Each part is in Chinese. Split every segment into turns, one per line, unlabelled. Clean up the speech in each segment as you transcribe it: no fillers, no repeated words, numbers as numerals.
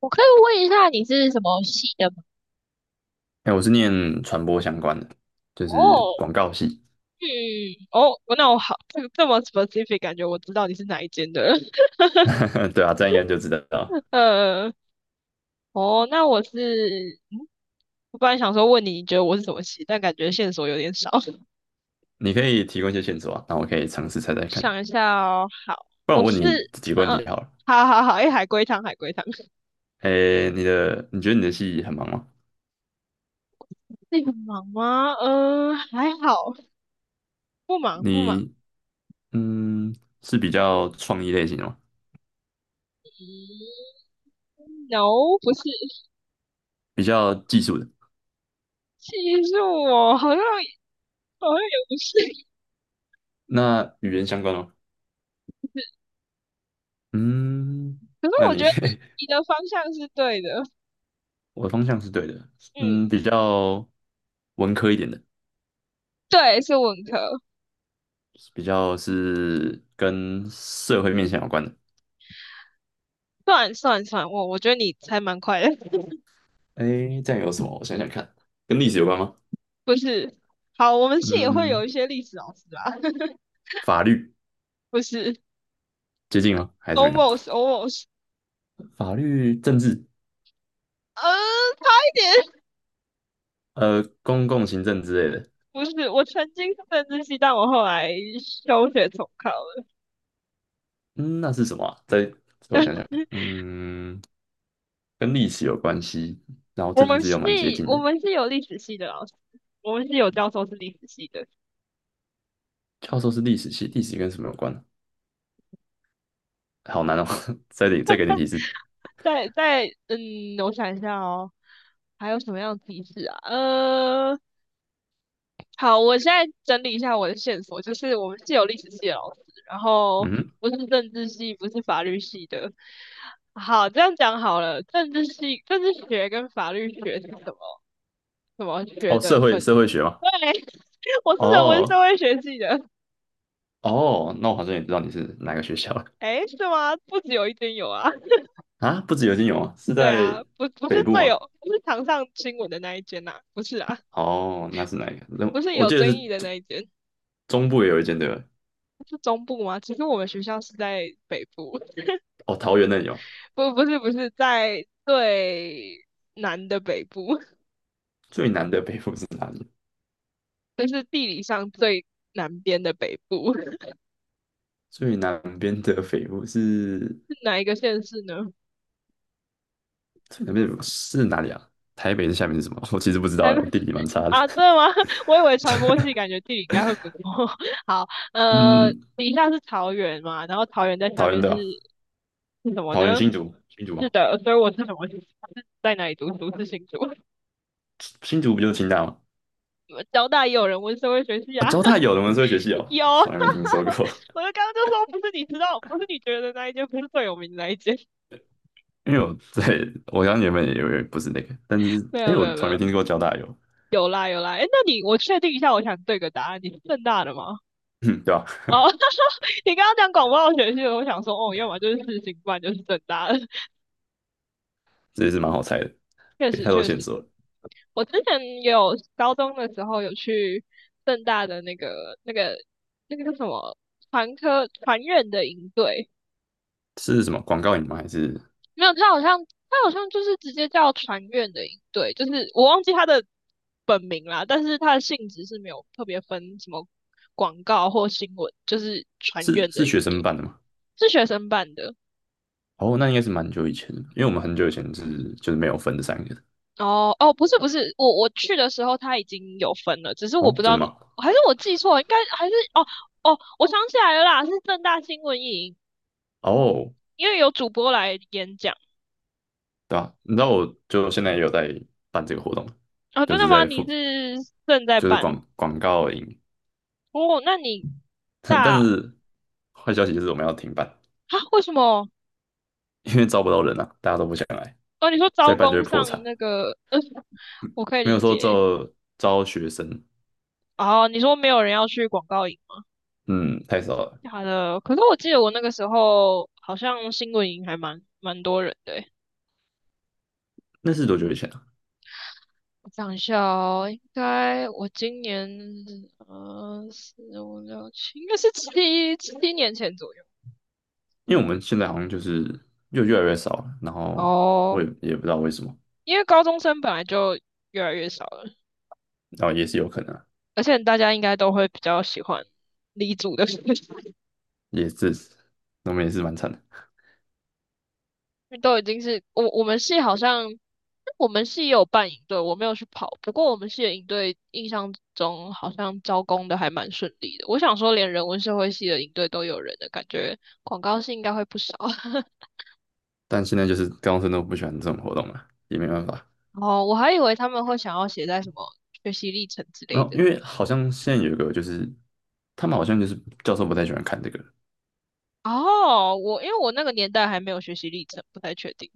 我可以问一下你是什么系的吗？
哎、我是念传播相关的，就是
哦，
广告系。
嗯，哦，那我好，这么 specific，感觉我知道你是哪一间的。
对啊，这样应该就知道。
呃，哦，那我是，嗯，我本来想说问你，你觉得我是什么系，但感觉线索有点少。我
你可以提供一些线索啊，那我可以尝试猜猜看。
想一下哦，好，
不然
我
我问
是，
你几个
啊，
问题好了。
好好好，哎，海龟汤，海龟汤，
哎、你觉得你的系很忙吗？
那个忙吗？还好，不忙不忙。
你嗯是比较创意类型的吗？
嗯，no，不是，
比较技术的？
其实我好像也不是。
那语言相关吗？嗯，
可是
那
我觉
你
得你的方向是对的。
我的方向是对的。
嗯，
嗯，比较文科一点的，
对，是文科，
比较是跟社会面向有关的。
算算算，我觉得你还蛮快的。
哎，这样有什么？我想想看，跟历史有关吗？
不是？好，我们系也会有
嗯，
一些历史老师啊。
法律
不是
接近吗？还是没有？
，almost almost，
法律、政治，
嗯，差一点。
公共行政之类的。
不是，我曾经是政治系，但我后来休学重考了。
嗯，那是什么啊？我想想，嗯，跟历史有关系，然后
我
政
们
治又
系
蛮接近
我
的。
们是有历史系的老师，我们是有教授是历史系的，
教授是历史系，历史跟什么有关呢？好难哦，再给点提示。
在在嗯，我想一下哦，还有什么样的提示啊？好，我现在整理一下我的线索，就是我们是有历史系的老师，然后
嗯，
不是政治系，不是法律系的。好，这样讲好了，政治系、政治学跟法律学是什么什么学
哦，
的
社会
分？
社会学吗？
对，我是人文
哦
社会学系的。
哦，那我好像也知道你是哪个学校了。
诶，是吗？不止有一间有啊。
啊？不止有金融啊，是
对啊，
在
不不
北
是
部
最有，
吗？
不是常上新闻的那一间呐、不是啊，
哦，那是哪一个？那
不是
我
有
记得
争
是
议的
中
那一间。
中部也有一间对吧？
是中部吗？其实我们学校是在北部。
哦，桃园那里有。
不是在最南的北部，
最南的北部是哪里？
就是地理上最南边的北部，是
最南边的北部是
哪一个县市呢？
最南边的北部是哪里啊？台北的下面是什么？我其实不知道
台
欸，
北
我地理蛮差的。
啊，真的吗？我以为传播系感觉地理应该会不错。好，呃，
嗯，
底下是桃园嘛，然后桃园在下
桃园
面
对
是
吧？
是什么
桃园
呢？
新竹，新竹
是
吗？
的，所以我是什么系？是在哪里读书？是新竹。
新竹不就是清大吗？
交大也有人问社会学系
啊、
啊。
交大有人文社会学系 哦，
有。我
从来没听说过。
就刚刚就说不是你知道，不是你觉得那一间，不是最有名的那一间。
因为我刚原本也以为不是那个，但 是
没
哎，
有没
我
有没
从来
有，
没听过交大有，
有啦有啦，哎，那你我确定一下，我想对个答案，你是正大的吗？
嗯，对吧？
哦，他说你刚刚讲广播学系的，我想说，哦，要么就是世新，不然就是正大的。
这也是蛮好猜的，
确
给
实
太多
确实。
线索了。
我之前也有高中的时候有去正大的那个叫什么传科传院的营队。
是什么广告影吗？还是？
没有，他好像就是直接叫传院的营队，就是我忘记他的本名啦，但是他的性质是没有特别分什么广告或新闻，就是传
是
院
是
的营
学生
队。
办的吗？
是学生办的。
哦，那应该是蛮久以前的，因为我们很久以前就是没有分这三个的。
哦哦，不是，我去的时候他已经有分了，只是我
哦，
不知
真
道，
的吗？
还是我记错了，应该还是哦，我想起来了啦，是正大新闻营，
哦，
因为有主播来演讲。
对啊，你知道我就现在也有在办这个活动，
啊、
就
真
是
的吗？你是正在
就是
办
广告营，
哦？那你
但
大啊？
是坏消息就是我们要停办，
为什么？
因为招不到人啊，大家都不想来，
哦，你说
再
招
办就会
工
破
上
产。
那个，我可以
没有
理解。
说招学生，
哦，你说没有人要去广告营吗？
嗯，太少了。
假的，可是我记得我那个时候好像新闻营还蛮多人的欸。
那是多久以前啊？
我想一下哦，应该我今年四五六七，应该是七年前左右。
因为我们现在好像就是又越来越少了，然后我
哦，
也也不知道为什么，
因为高中生本来就越来越少了，
然后也是有可能啊
而且大家应该都会比较喜欢理组的学生。因
也是，我们也是蛮惨的。
为都已经是我们系好像我们系也有办营队，我没有去跑，不过我们系的营队印象中好像招工的还蛮顺利的。我想说，连人文社会系的营队都有人的感觉，广告系应该会不少。
但现在就是高中生都不喜欢这种活动了，也没办法。
哦，我还以为他们会想要写在什么学习历程之
然
类
后
的。
因为好像现在有一个就是，他们好像就是教授不太喜欢看这个，
哦，我因为我那个年代还没有学习历程，不太确定。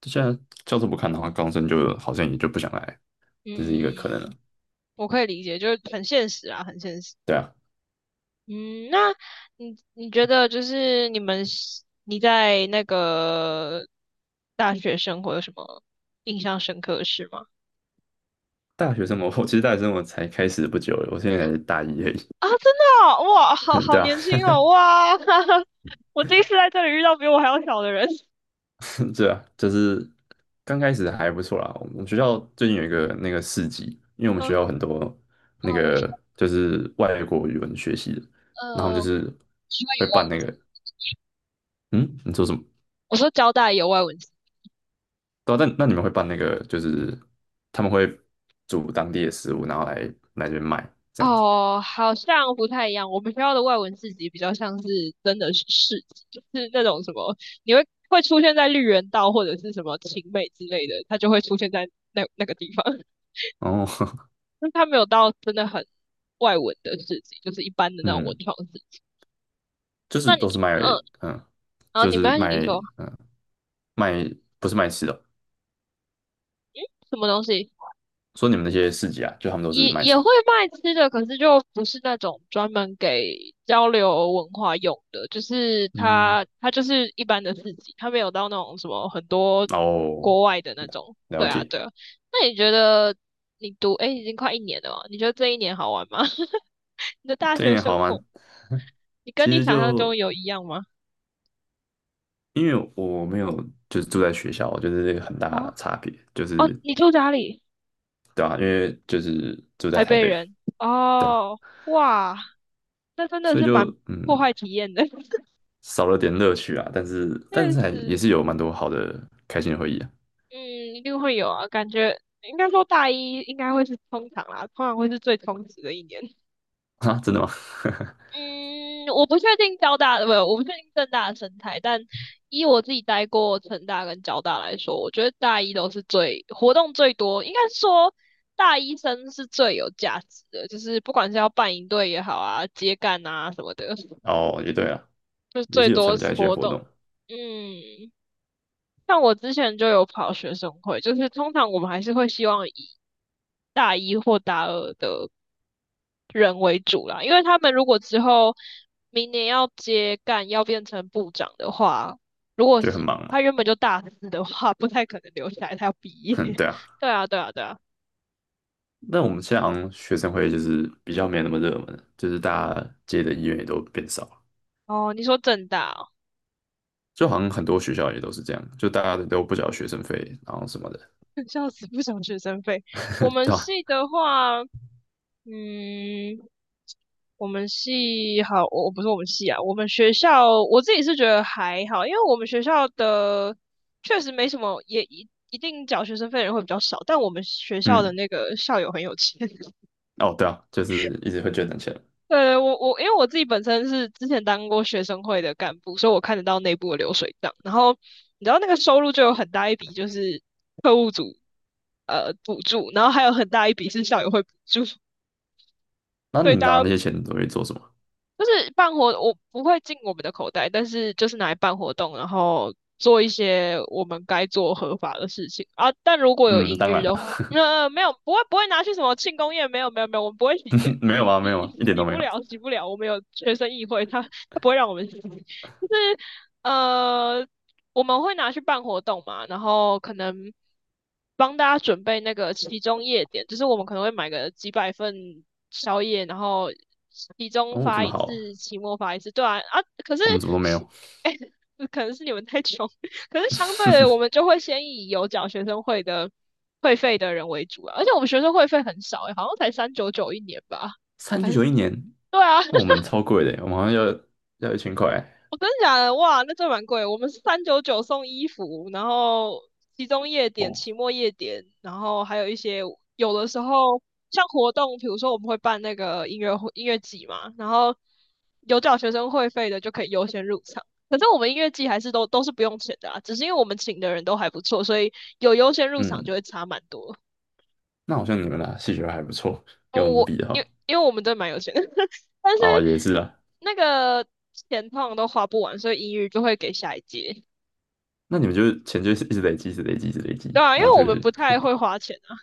就现在教授不看的话，高中生就好像也就不想来，这是一个可能了。
嗯，我可以理解，就是很现实啊，很现实。
对啊，
嗯，那你觉得就是你们是你在那个大学生活有什么印象深刻的事吗？
大学生活，我其实大学生活才开始不久了，我现在才大一而已。
啊，真的哦哇，好 好
对啊，
年轻哦，哇，我第一次在这里遇到比我还要小的人。
对啊，就是刚开始还不错啦。我们学校最近有一个那个市集，因为我们
嗯，啊，
学校很多那个
我
就是外国语文学系的，然后他们就
呃，
是会办那个，嗯，你说什么？
我说交大有外文。系。
对啊，但那你们会办那个，就是他们会煮当地的食物，然后来这边卖这样子。
哦，好像不太一样。我们学校的外文四级比较像是真的是四级，就是那种什么，你会出现在绿园道或者是什么晴美之类的，它就会出现在那个地方。
哦，
但它没有到真的很外文的四级，就是一般的 那种文
嗯，
创市集。
就是
那你，
都是卖，
嗯，
嗯，
然后
就
你没
是
关系，你
卖，
说，
嗯，卖不是卖吃的哦。
嗯，什么东西？
说你们那些市集啊，就他们都是
也
卖
也
什
会
么？
卖吃的，可是就不是那种专门给交流文化用的，就是
嗯，
它就是一般的市集，它没有到那种什么很多
哦。
国外的那种。对
了
啊，
解，
对啊。那你觉得你读诶已经快一年了嘛？你觉得这一年好玩吗？你的大
这一
学
点
生
好
活，
吗？
你跟
其
你
实
想象中
就
有一样吗？
因为我没有就是住在学校，我觉得这个很大的
哦
差别，就
哦，
是
你住哪里？
对吧、因为就是住在
台
台
北
北嘛，
人。
对吧、
哦，哇，那真的
所以
是
就
蛮破坏体验的。
少了点乐趣啊，但是但
确
是还也
实。
是有蛮多好的开心的回忆啊。
嗯，一定会有啊，感觉应该说大一应该会是通常啦，通常会是最充实的一年。
啊，真的吗？
嗯，我不确定交大的，不，我不确定政大的生态，但以我自己待过成大跟交大来说，我觉得大一都是最活动最多，应该说大一生是最有价值的，就是不管是要办营队也好啊，接干啊什么的，
哦，也对啊，
就是
也
最
是有
多
参加
是
一些
活
活
动。
动，
嗯，像我之前就有跑学生会，就是通常我们还是会希望以大一或大二的人为主啦，因为他们如果之后明年要接干，要变成部长的话，如果
就很
是
忙嘛。
他原本就大四的话，不太可能留下来，他要毕业。
哼，对啊。
对啊，对啊，对啊。
那我们现在好像学生会就是比较没那么热门，就是大家接的意愿也都变少了。
哦，你说正大哦。
就好像很多学校也都是这样，就大家都不缴学生费，然后什么的，
笑死，不想学生费。
对
我们
吧？
系的话，嗯，我们系好，我不是我们系啊，我们学校我自己是觉得还好，因为我们学校的确实没什么，也一定缴学生费的人会比较少，但我们学校的
嗯，
那个校友很有钱。
哦，对啊，就是一直会捐点钱。
我因为我自己本身是之前当过学生会的干部，所以我看得到内部的流水账。然后你知道那个收入就有很大一笔就是特务组补助，然后还有很大一笔是校友会补助。
那
所以
你拿
大
那
家
些钱都会做什么？
就是办活，我不会进我们的口袋，但是就是拿来办活动，然后做一些我们该做合法的事情啊。但如果有
嗯，
盈
当
余
然了，
的话，没有，不会拿去什么庆功宴，没有没有没有，我们不会洗钱，
没有啊，
洗
没有啊，一点
洗
都没
不
有。
了洗不了，我们有学生议会，他不会让我们洗，就是呃，我们会拿去办活动嘛，然后可能帮大家准备那个期中夜点，就是我们可能会买个几百份宵夜，然后期中
哦，这
发
么
一
好，
次，期末发一次，对啊啊，可是
我们怎么都没
是
有。
哎、可能是你们太穷。可是相对的，我们 就会先以有缴学生会的会费的人为主啊，而且我们学生会费很少、欸，好像才399一年吧，
三九
还是
九一年，
对啊，
那我们超贵的，我们好像要1000块。
我真的假的？哇，那这蛮贵。我们是三九九送衣服，然后集中夜点、
哦，
期末夜点，然后还有一些有的时候像活动，比如说我们会办那个音乐会、音乐季嘛，然后有缴学生会费的就可以优先入场。可是我们音乐季还是都是不用钱的啊，只是因为我们请的人都还不错，所以有优先入场
嗯，
就会差蛮多。
那好像你们啦，戏学还不错，跟
哦，
我们
我
比的
因
话，
为我们真的蛮有钱的，但是
哦，也是啊。
那个钱通常都花不完，所以音乐就会给下一届。
那你们就是钱就是一直累积，一直累积，一直累积，
对啊，因
然后
为
就
我们不
是
太会花钱啊，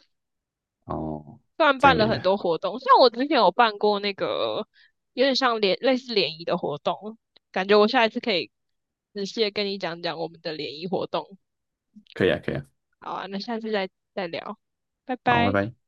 哦，
虽然
这
办
样
了很
也
多活动，像我之前有办过那个有点像联类似联谊的活动，感觉我下一次可以仔细的跟你讲讲我们的联谊活动。
可以啊，可以啊。
好啊，那下次再聊，拜
好，拜
拜。
拜。